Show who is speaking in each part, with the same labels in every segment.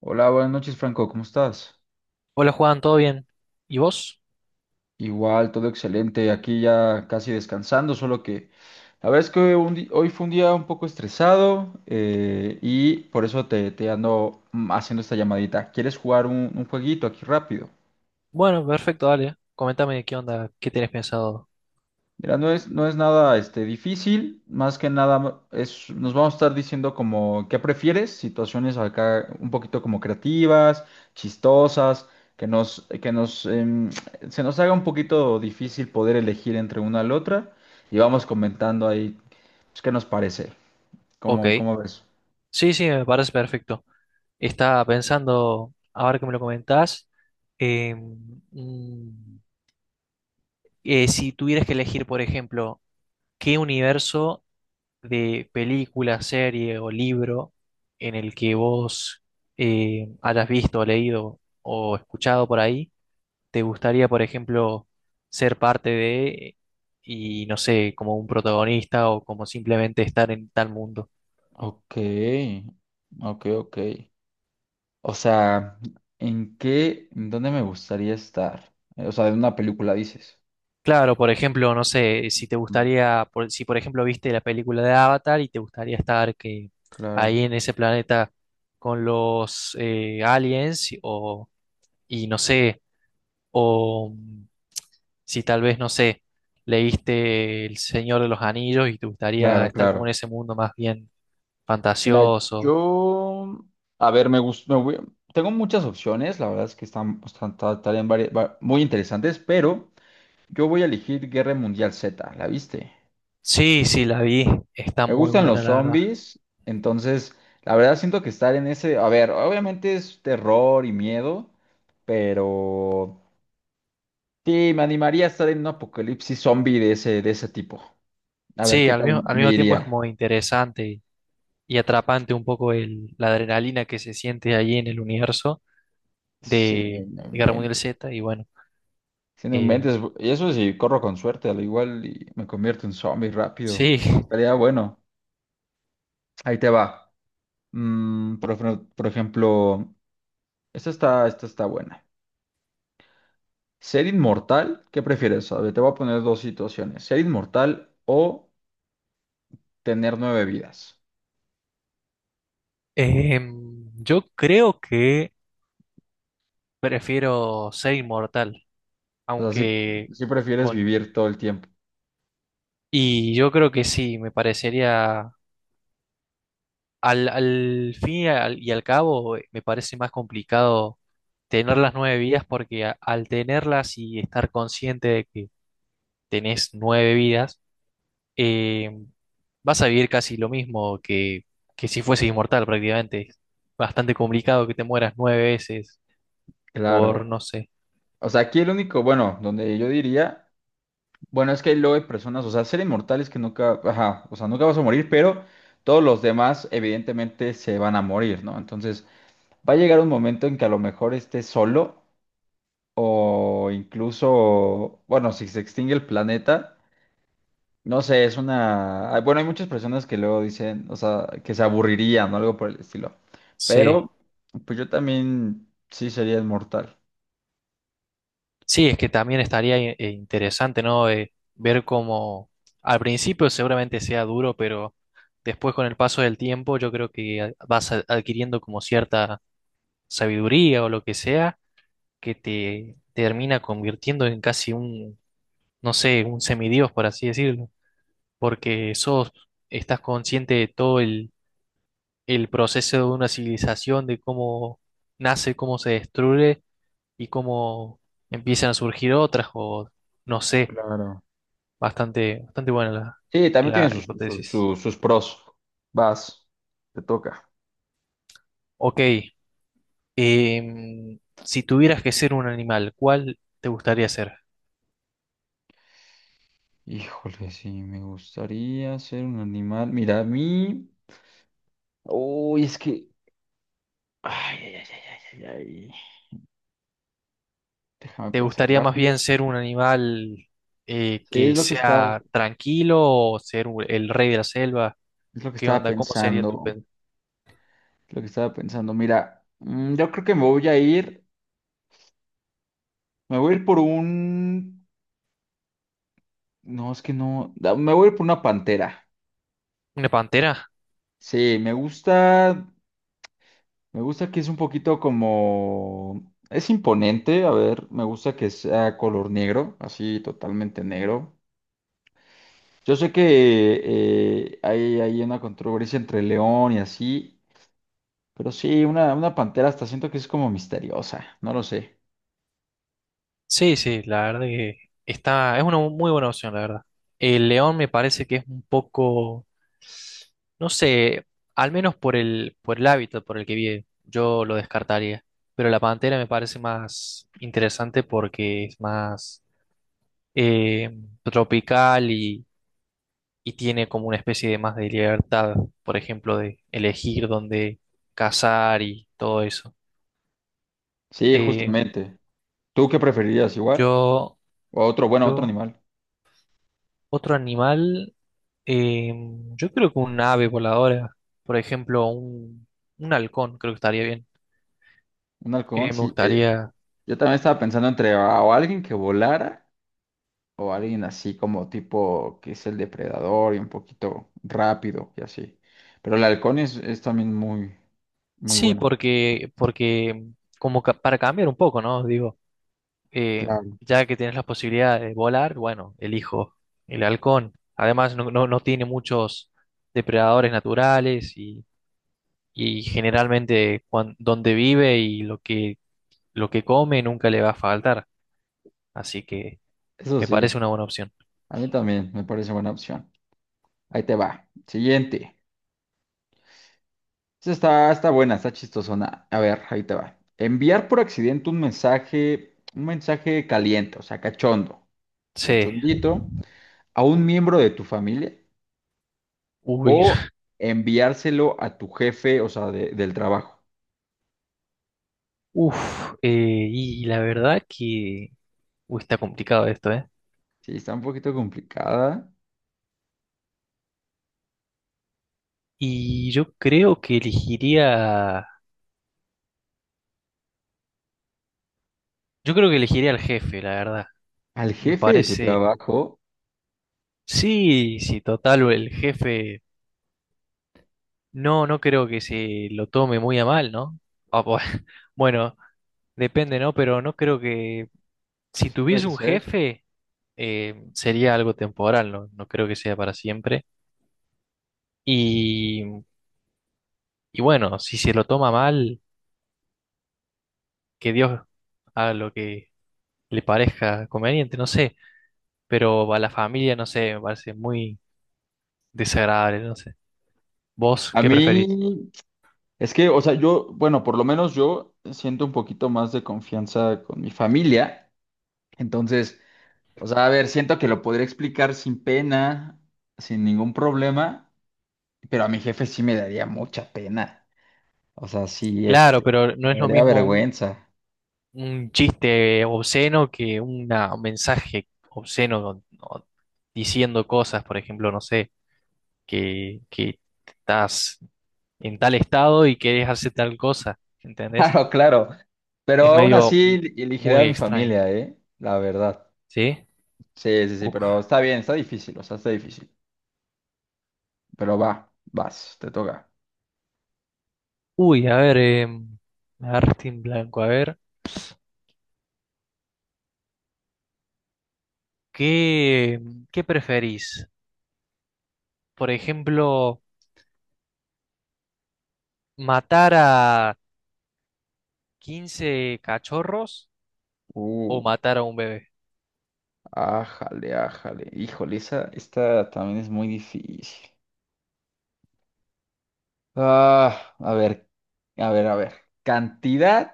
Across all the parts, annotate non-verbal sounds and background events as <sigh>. Speaker 1: Hola, buenas noches, Franco, ¿cómo estás?
Speaker 2: Hola Juan, ¿todo bien? ¿Y vos?
Speaker 1: Igual, todo excelente, aquí ya casi descansando, solo que la verdad es que hoy fue un día un poco estresado y por eso te ando haciendo esta llamadita. ¿Quieres jugar un jueguito aquí rápido?
Speaker 2: Bueno, perfecto, dale. Coméntame qué onda, qué tenés pensado.
Speaker 1: Mira, no es nada este, difícil, más que nada es, nos vamos a estar diciendo como qué prefieres, situaciones acá un poquito como creativas, chistosas, que nos se nos haga un poquito difícil poder elegir entre una y la otra, y vamos comentando ahí pues, qué nos parece,
Speaker 2: Ok.
Speaker 1: cómo ves.
Speaker 2: Sí, sí, me parece perfecto. Estaba pensando, ahora que me lo comentás. eh, mm, ¿Si tuvieras que elegir, por ejemplo, qué universo de película, serie o libro en el que vos hayas visto, leído o escuchado por ahí, te gustaría, por ejemplo, ser parte de, y no sé, como un protagonista o como simplemente estar en tal mundo?
Speaker 1: Ok, ok, ok. O sea, ¿en qué, en dónde me gustaría estar? O sea, de una película dices.
Speaker 2: Claro, por ejemplo, no sé, si te
Speaker 1: Mm.
Speaker 2: gustaría, si por ejemplo viste la película de Avatar y te gustaría estar que
Speaker 1: Claro.
Speaker 2: ahí en ese planeta con los aliens, o, y no sé, o si tal vez no sé, leíste El Señor de los Anillos y te gustaría
Speaker 1: Claro,
Speaker 2: estar como en
Speaker 1: claro.
Speaker 2: ese mundo más bien
Speaker 1: Mira,
Speaker 2: fantasioso.
Speaker 1: yo, a ver, me gusta, tengo muchas opciones, la verdad es que estarían muy interesantes, pero yo voy a elegir Guerra Mundial Z, ¿la viste?
Speaker 2: Sí, sí, la vi. Está
Speaker 1: Me
Speaker 2: muy
Speaker 1: gustan los
Speaker 2: buena, la verdad.
Speaker 1: zombies, entonces, la verdad siento que estar en ese, a ver, obviamente es terror y miedo, pero sí, me animaría a estar en un apocalipsis zombie de ese tipo. A ver
Speaker 2: Sí,
Speaker 1: qué
Speaker 2: al mismo,
Speaker 1: tal
Speaker 2: al
Speaker 1: me
Speaker 2: mismo tiempo es
Speaker 1: iría.
Speaker 2: como interesante y atrapante un poco, la adrenalina que se siente allí en el universo
Speaker 1: Sí,
Speaker 2: de
Speaker 1: no
Speaker 2: Guerra Mundial
Speaker 1: inventes.
Speaker 2: Z. Y bueno,
Speaker 1: Si no
Speaker 2: eh,
Speaker 1: inventes, y eso sí, corro con suerte, al igual y me convierto en zombie rápido,
Speaker 2: sí.
Speaker 1: pero
Speaker 2: <laughs>
Speaker 1: estaría bueno. Ahí te va. Por ejemplo, esta está buena. ¿Ser inmortal? ¿Qué prefieres? A ver, te voy a poner dos situaciones. ¿Ser inmortal o tener nueve vidas?
Speaker 2: Yo creo que prefiero ser inmortal,
Speaker 1: O sea, si,
Speaker 2: aunque
Speaker 1: si prefieres
Speaker 2: con.
Speaker 1: vivir todo el tiempo.
Speaker 2: Y yo creo que sí, me parecería al fin y al cabo, Me parece más complicado tener las nueve vidas porque al tenerlas y estar consciente de que tenés nueve vidas, eh, vas a vivir casi lo mismo que si fueses inmortal prácticamente. Es bastante complicado que te mueras nueve veces,
Speaker 1: Claro.
Speaker 2: por, no sé.
Speaker 1: O sea, aquí el único, bueno, donde yo diría. Bueno, es que hay lo de personas, o sea, ser inmortales que nunca, ajá, o sea, nunca vas a morir, pero todos los demás evidentemente se van a morir, ¿no? Entonces, va a llegar un momento en que a lo mejor estés solo o incluso, bueno, si se extingue el planeta, no sé, es ah, bueno, hay muchas personas que luego dicen, o sea, que se aburrirían o algo por el estilo,
Speaker 2: Sí.
Speaker 1: pero pues yo también sí sería inmortal.
Speaker 2: Sí, es que también estaría interesante, ¿no? Ver cómo al principio seguramente sea duro, pero después con el paso del tiempo yo creo que vas adquiriendo como cierta sabiduría o lo que sea que te termina convirtiendo en casi un, no sé, un semidios, por así decirlo, porque sos, estás consciente de todo el proceso de una civilización, de cómo nace, cómo se destruye y cómo empiezan a surgir otras, o no sé.
Speaker 1: Claro.
Speaker 2: Bastante, bastante buena la,
Speaker 1: Sí, también tiene
Speaker 2: la
Speaker 1: sus, sus,
Speaker 2: hipótesis.
Speaker 1: sus, sus pros. Vas, te toca.
Speaker 2: Ok, si tuvieras que ser un animal, ¿cuál te gustaría ser?
Speaker 1: Híjole, sí, me gustaría ser un animal. Mira, a mí. Uy, es que. Ay, ay, ay, ay, ay, ay, ay. Déjame
Speaker 2: ¿Te
Speaker 1: pensar
Speaker 2: gustaría más
Speaker 1: rápido.
Speaker 2: bien ser un animal
Speaker 1: Sí, es
Speaker 2: que
Speaker 1: lo que estaba,
Speaker 2: sea tranquilo o ser el rey de la selva?
Speaker 1: es lo que
Speaker 2: ¿Qué
Speaker 1: estaba
Speaker 2: onda? ¿Cómo sería tu
Speaker 1: pensando. Es lo que estaba pensando. Mira, yo creo que me voy a ir. Me voy a ir por un. No, es que no. Me voy a ir por una pantera.
Speaker 2: ¿Una pantera?
Speaker 1: Sí, me gusta. Me gusta que es un poquito como. Es imponente. A ver, me gusta que sea color negro, así totalmente negro. Yo sé que hay una controversia entre león y así, pero sí, una pantera hasta siento que es como misteriosa, no lo sé.
Speaker 2: Sí, sí, la verdad que es una muy buena opción, la verdad. El león me parece que es un poco, no sé, al menos por el hábitat por el que vive, yo lo descartaría. Pero la pantera me parece más interesante porque es más eh, tropical y tiene como una especie de más de libertad, por ejemplo, de elegir dónde cazar y todo eso.
Speaker 1: Sí,
Speaker 2: Eh,
Speaker 1: justamente. ¿Tú qué preferirías igual?
Speaker 2: yo,
Speaker 1: O otro, bueno, otro
Speaker 2: yo,
Speaker 1: animal.
Speaker 2: Otro animal, eh, yo creo que un ave voladora, por ejemplo, un halcón, creo que estaría bien.
Speaker 1: Un halcón,
Speaker 2: Me
Speaker 1: sí. eh,
Speaker 2: gustaría.
Speaker 1: yo también estaba pensando entre o alguien que volara o alguien así como tipo que es el depredador y un poquito rápido y así. Pero el halcón es también muy, muy
Speaker 2: Sí,
Speaker 1: bueno.
Speaker 2: porque como para cambiar un poco, ¿no? Digo, eh,
Speaker 1: Claro.
Speaker 2: ya que tienes la posibilidad de volar, bueno, elijo el halcón. Además, no tiene muchos depredadores naturales y generalmente donde vive y lo que come nunca le va a faltar. Así que
Speaker 1: Eso
Speaker 2: me
Speaker 1: sí,
Speaker 2: parece una buena opción.
Speaker 1: a mí también me parece buena opción. Ahí te va. Siguiente. Esta está buena, está chistosona. A ver, ahí te va. Enviar por accidente un mensaje caliente, o sea, cachondo,
Speaker 2: Sí,
Speaker 1: cachondito, a un miembro de tu familia,
Speaker 2: uy, <laughs>
Speaker 1: enviárselo a tu jefe, o sea, del trabajo.
Speaker 2: uff, y la verdad que uy, está complicado esto, ¿eh?
Speaker 1: Sí, está un poquito complicada.
Speaker 2: Y yo creo que elegiría. Yo creo que elegiría al jefe, la verdad.
Speaker 1: Al
Speaker 2: Me
Speaker 1: jefe de tu
Speaker 2: parece,
Speaker 1: trabajo,
Speaker 2: sí, sí, total, el jefe, no creo que se lo tome muy a mal, ¿no? Ah, <laughs> bueno, depende, ¿no? Pero no creo que, si
Speaker 1: pues
Speaker 2: tuviese
Speaker 1: puede
Speaker 2: un
Speaker 1: ser.
Speaker 2: jefe, sería algo temporal, ¿no? No creo que sea para siempre. Y, y bueno, si se lo toma mal, que Dios haga lo que le parezca conveniente, no sé, pero a la familia, no sé, me parece muy desagradable, no sé. ¿Vos
Speaker 1: A
Speaker 2: qué preferís?
Speaker 1: mí, es que, o sea, yo, bueno, por lo menos yo siento un poquito más de confianza con mi familia. Entonces, o sea, a ver, siento que lo podría explicar sin pena, sin ningún problema, pero a mi jefe sí me daría mucha pena. O sea, sí,
Speaker 2: Claro,
Speaker 1: este,
Speaker 2: pero no
Speaker 1: me
Speaker 2: es lo
Speaker 1: daría
Speaker 2: mismo un,
Speaker 1: vergüenza. <laughs>
Speaker 2: un chiste obsceno que un mensaje obsceno o diciendo cosas, por ejemplo, no sé, que estás en tal estado y querés hacer tal cosa, ¿entendés?
Speaker 1: Claro, claro. Pero
Speaker 2: Es
Speaker 1: aún
Speaker 2: medio
Speaker 1: así elegiría a
Speaker 2: muy
Speaker 1: mi
Speaker 2: extraño,
Speaker 1: familia, ¿eh? La verdad.
Speaker 2: ¿sí?
Speaker 1: Sí, sí, sí,
Speaker 2: Uf.
Speaker 1: pero está bien, está difícil, o sea, está difícil. Pero va, vas, te toca.
Speaker 2: Uy, a ver, em, me agarraste en blanco, a ver, ¿qué, qué preferís? Por ejemplo, ¿matar a 15 cachorros
Speaker 1: Uh,
Speaker 2: o matar a un bebé?
Speaker 1: ájale, ájale. Híjole, esa, esta también es muy difícil. Ah, a ver, a ver, a ver. Cantidad.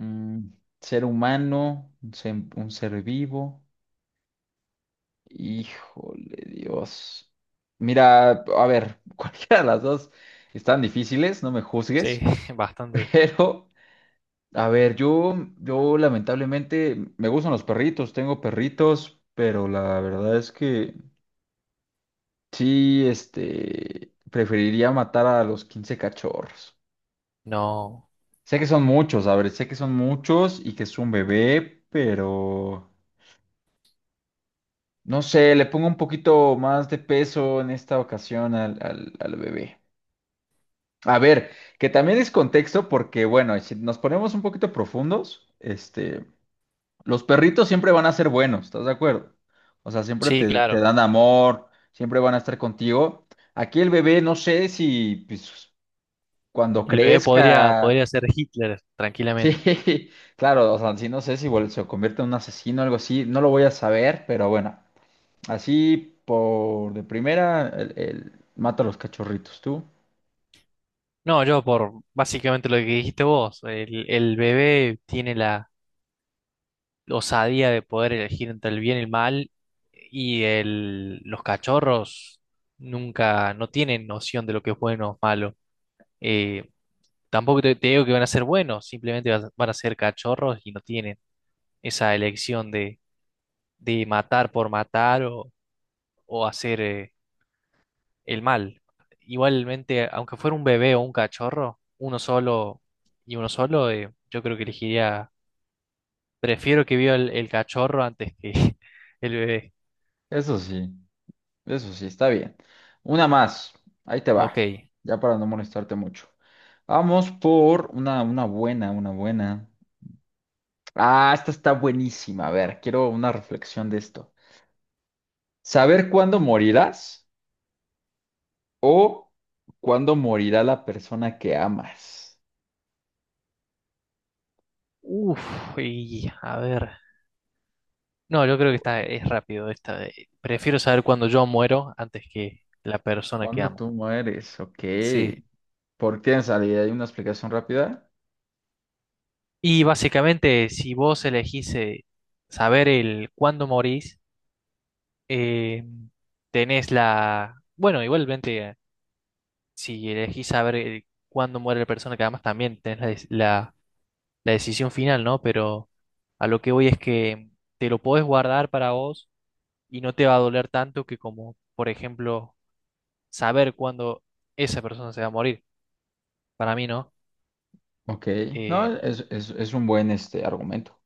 Speaker 1: Mm, ser humano, un ser vivo. Híjole, Dios. Mira, a ver, <laughs> cualquiera de las dos están difíciles, no me
Speaker 2: Sí,
Speaker 1: juzgues,
Speaker 2: <laughs>
Speaker 1: <laughs>
Speaker 2: bastante.
Speaker 1: pero a ver, yo lamentablemente me gustan los perritos, tengo perritos, pero la verdad es que sí, este, preferiría matar a los 15 cachorros.
Speaker 2: No.
Speaker 1: Sé que son muchos, a ver, sé que son muchos y que es un bebé, pero, no sé, le pongo un poquito más de peso en esta ocasión al bebé. A ver, que también es contexto porque, bueno, si nos ponemos un poquito profundos, este, los perritos siempre van a ser buenos, ¿estás de acuerdo? O sea, siempre
Speaker 2: Sí,
Speaker 1: te
Speaker 2: claro.
Speaker 1: dan amor, siempre van a estar contigo. Aquí el bebé, no sé si pues, cuando
Speaker 2: El bebé podría,
Speaker 1: crezca,
Speaker 2: podría ser Hitler
Speaker 1: <laughs>
Speaker 2: tranquilamente.
Speaker 1: sí, claro, o sea, sí, no sé si se convierte en un asesino o algo así, no lo voy a saber, pero bueno. Así por de primera, el mata a los cachorritos, tú.
Speaker 2: No, yo por básicamente lo que dijiste vos, el bebé tiene la osadía de poder elegir entre el bien y el mal y los cachorros nunca, no tienen noción de lo que es bueno o malo. Eh, tampoco te digo que van a ser buenos, simplemente van a ser cachorros y no tienen esa elección de matar por matar, o hacer el mal. Igualmente, aunque fuera un bebé o un cachorro, uno solo y uno solo, yo creo que elegiría, prefiero que viva el cachorro antes que <laughs> el bebé.
Speaker 1: Eso sí, eso sí, está bien. Una más, ahí te
Speaker 2: Ok.
Speaker 1: va, ya para no molestarte mucho. Vamos por una buena, una buena. Ah, esta está buenísima. A ver, quiero una reflexión de esto. ¿Saber cuándo morirás? ¿O cuándo morirá la persona que amas?
Speaker 2: Uf, y a ver. No, yo creo que es rápido esta. Prefiero saber cuándo yo muero antes que la persona que
Speaker 1: ¿Cuándo
Speaker 2: amo.
Speaker 1: tú mueres? Ok.
Speaker 2: Sí.
Speaker 1: ¿Por qué tienes idea? ¿Hay una explicación rápida?
Speaker 2: Y básicamente, si vos elegís saber el cuándo morís, eh, tenés la. Bueno, igualmente si elegís saber cuándo muere la persona, que además también tenés la decisión final, ¿no? Pero a lo que voy es que te lo podés guardar para vos y no te va a doler tanto que como, por ejemplo, saber cuándo esa persona se va a morir. Para mí, ¿no?
Speaker 1: Ok,
Speaker 2: Eh,
Speaker 1: no, es un buen este argumento,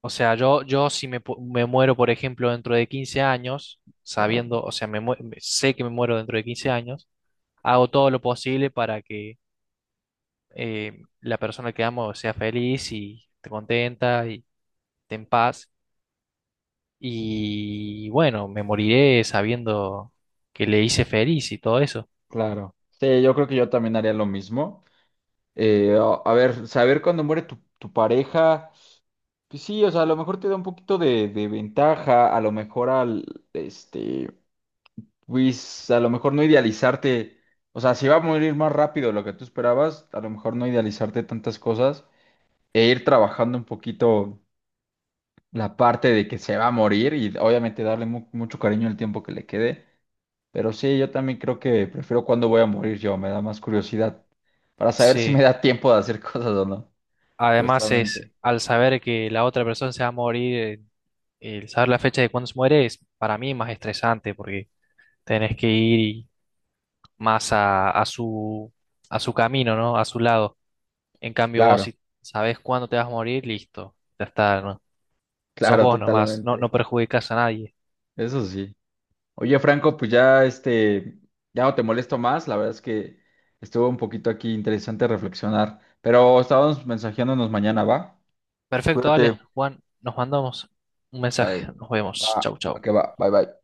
Speaker 2: o sea, yo si me muero, por ejemplo, dentro de 15 años,
Speaker 1: claro,
Speaker 2: sabiendo, o sea, sé que me muero dentro de 15 años, hago todo lo posible para que la persona que amo sea feliz y esté contenta en paz. Y bueno, me moriré sabiendo que le hice feliz y todo eso.
Speaker 1: claro. Sí, yo creo que yo también haría lo mismo. A ver, saber cuándo muere tu pareja, pues sí, o sea, a lo mejor te da un poquito de ventaja, a lo mejor al, este, pues a lo mejor no idealizarte, o sea, si va a morir más rápido de lo que tú esperabas, a lo mejor no idealizarte tantas cosas e ir trabajando un poquito la parte de que se va a morir y obviamente darle mucho cariño el tiempo que le quede. Pero sí, yo también creo que prefiero cuándo voy a morir yo, me da más curiosidad para saber si me
Speaker 2: Sí,
Speaker 1: da tiempo de hacer <laughs> cosas o no.
Speaker 2: además es
Speaker 1: Justamente.
Speaker 2: al saber que la otra persona se va a morir, el saber la fecha de cuándo se muere es para mí más estresante porque tenés que más a su camino, ¿no? A su lado. En cambio, vos
Speaker 1: Claro,
Speaker 2: si sabés cuándo te vas a morir, listo, ya está, ¿no? Sos
Speaker 1: claro,
Speaker 2: vos nomás, no,
Speaker 1: totalmente.
Speaker 2: no perjudicás a nadie.
Speaker 1: Eso sí. Oye, Franco, pues ya este, ya no te molesto más. La verdad es que estuvo un poquito aquí interesante reflexionar, pero estábamos mensajeándonos mañana, ¿va?
Speaker 2: Perfecto,
Speaker 1: Cuídate.
Speaker 2: dale, Juan, nos mandamos un
Speaker 1: Sale.
Speaker 2: mensaje, nos vemos,
Speaker 1: Va,
Speaker 2: chau,
Speaker 1: va
Speaker 2: chau.
Speaker 1: que va. Bye bye.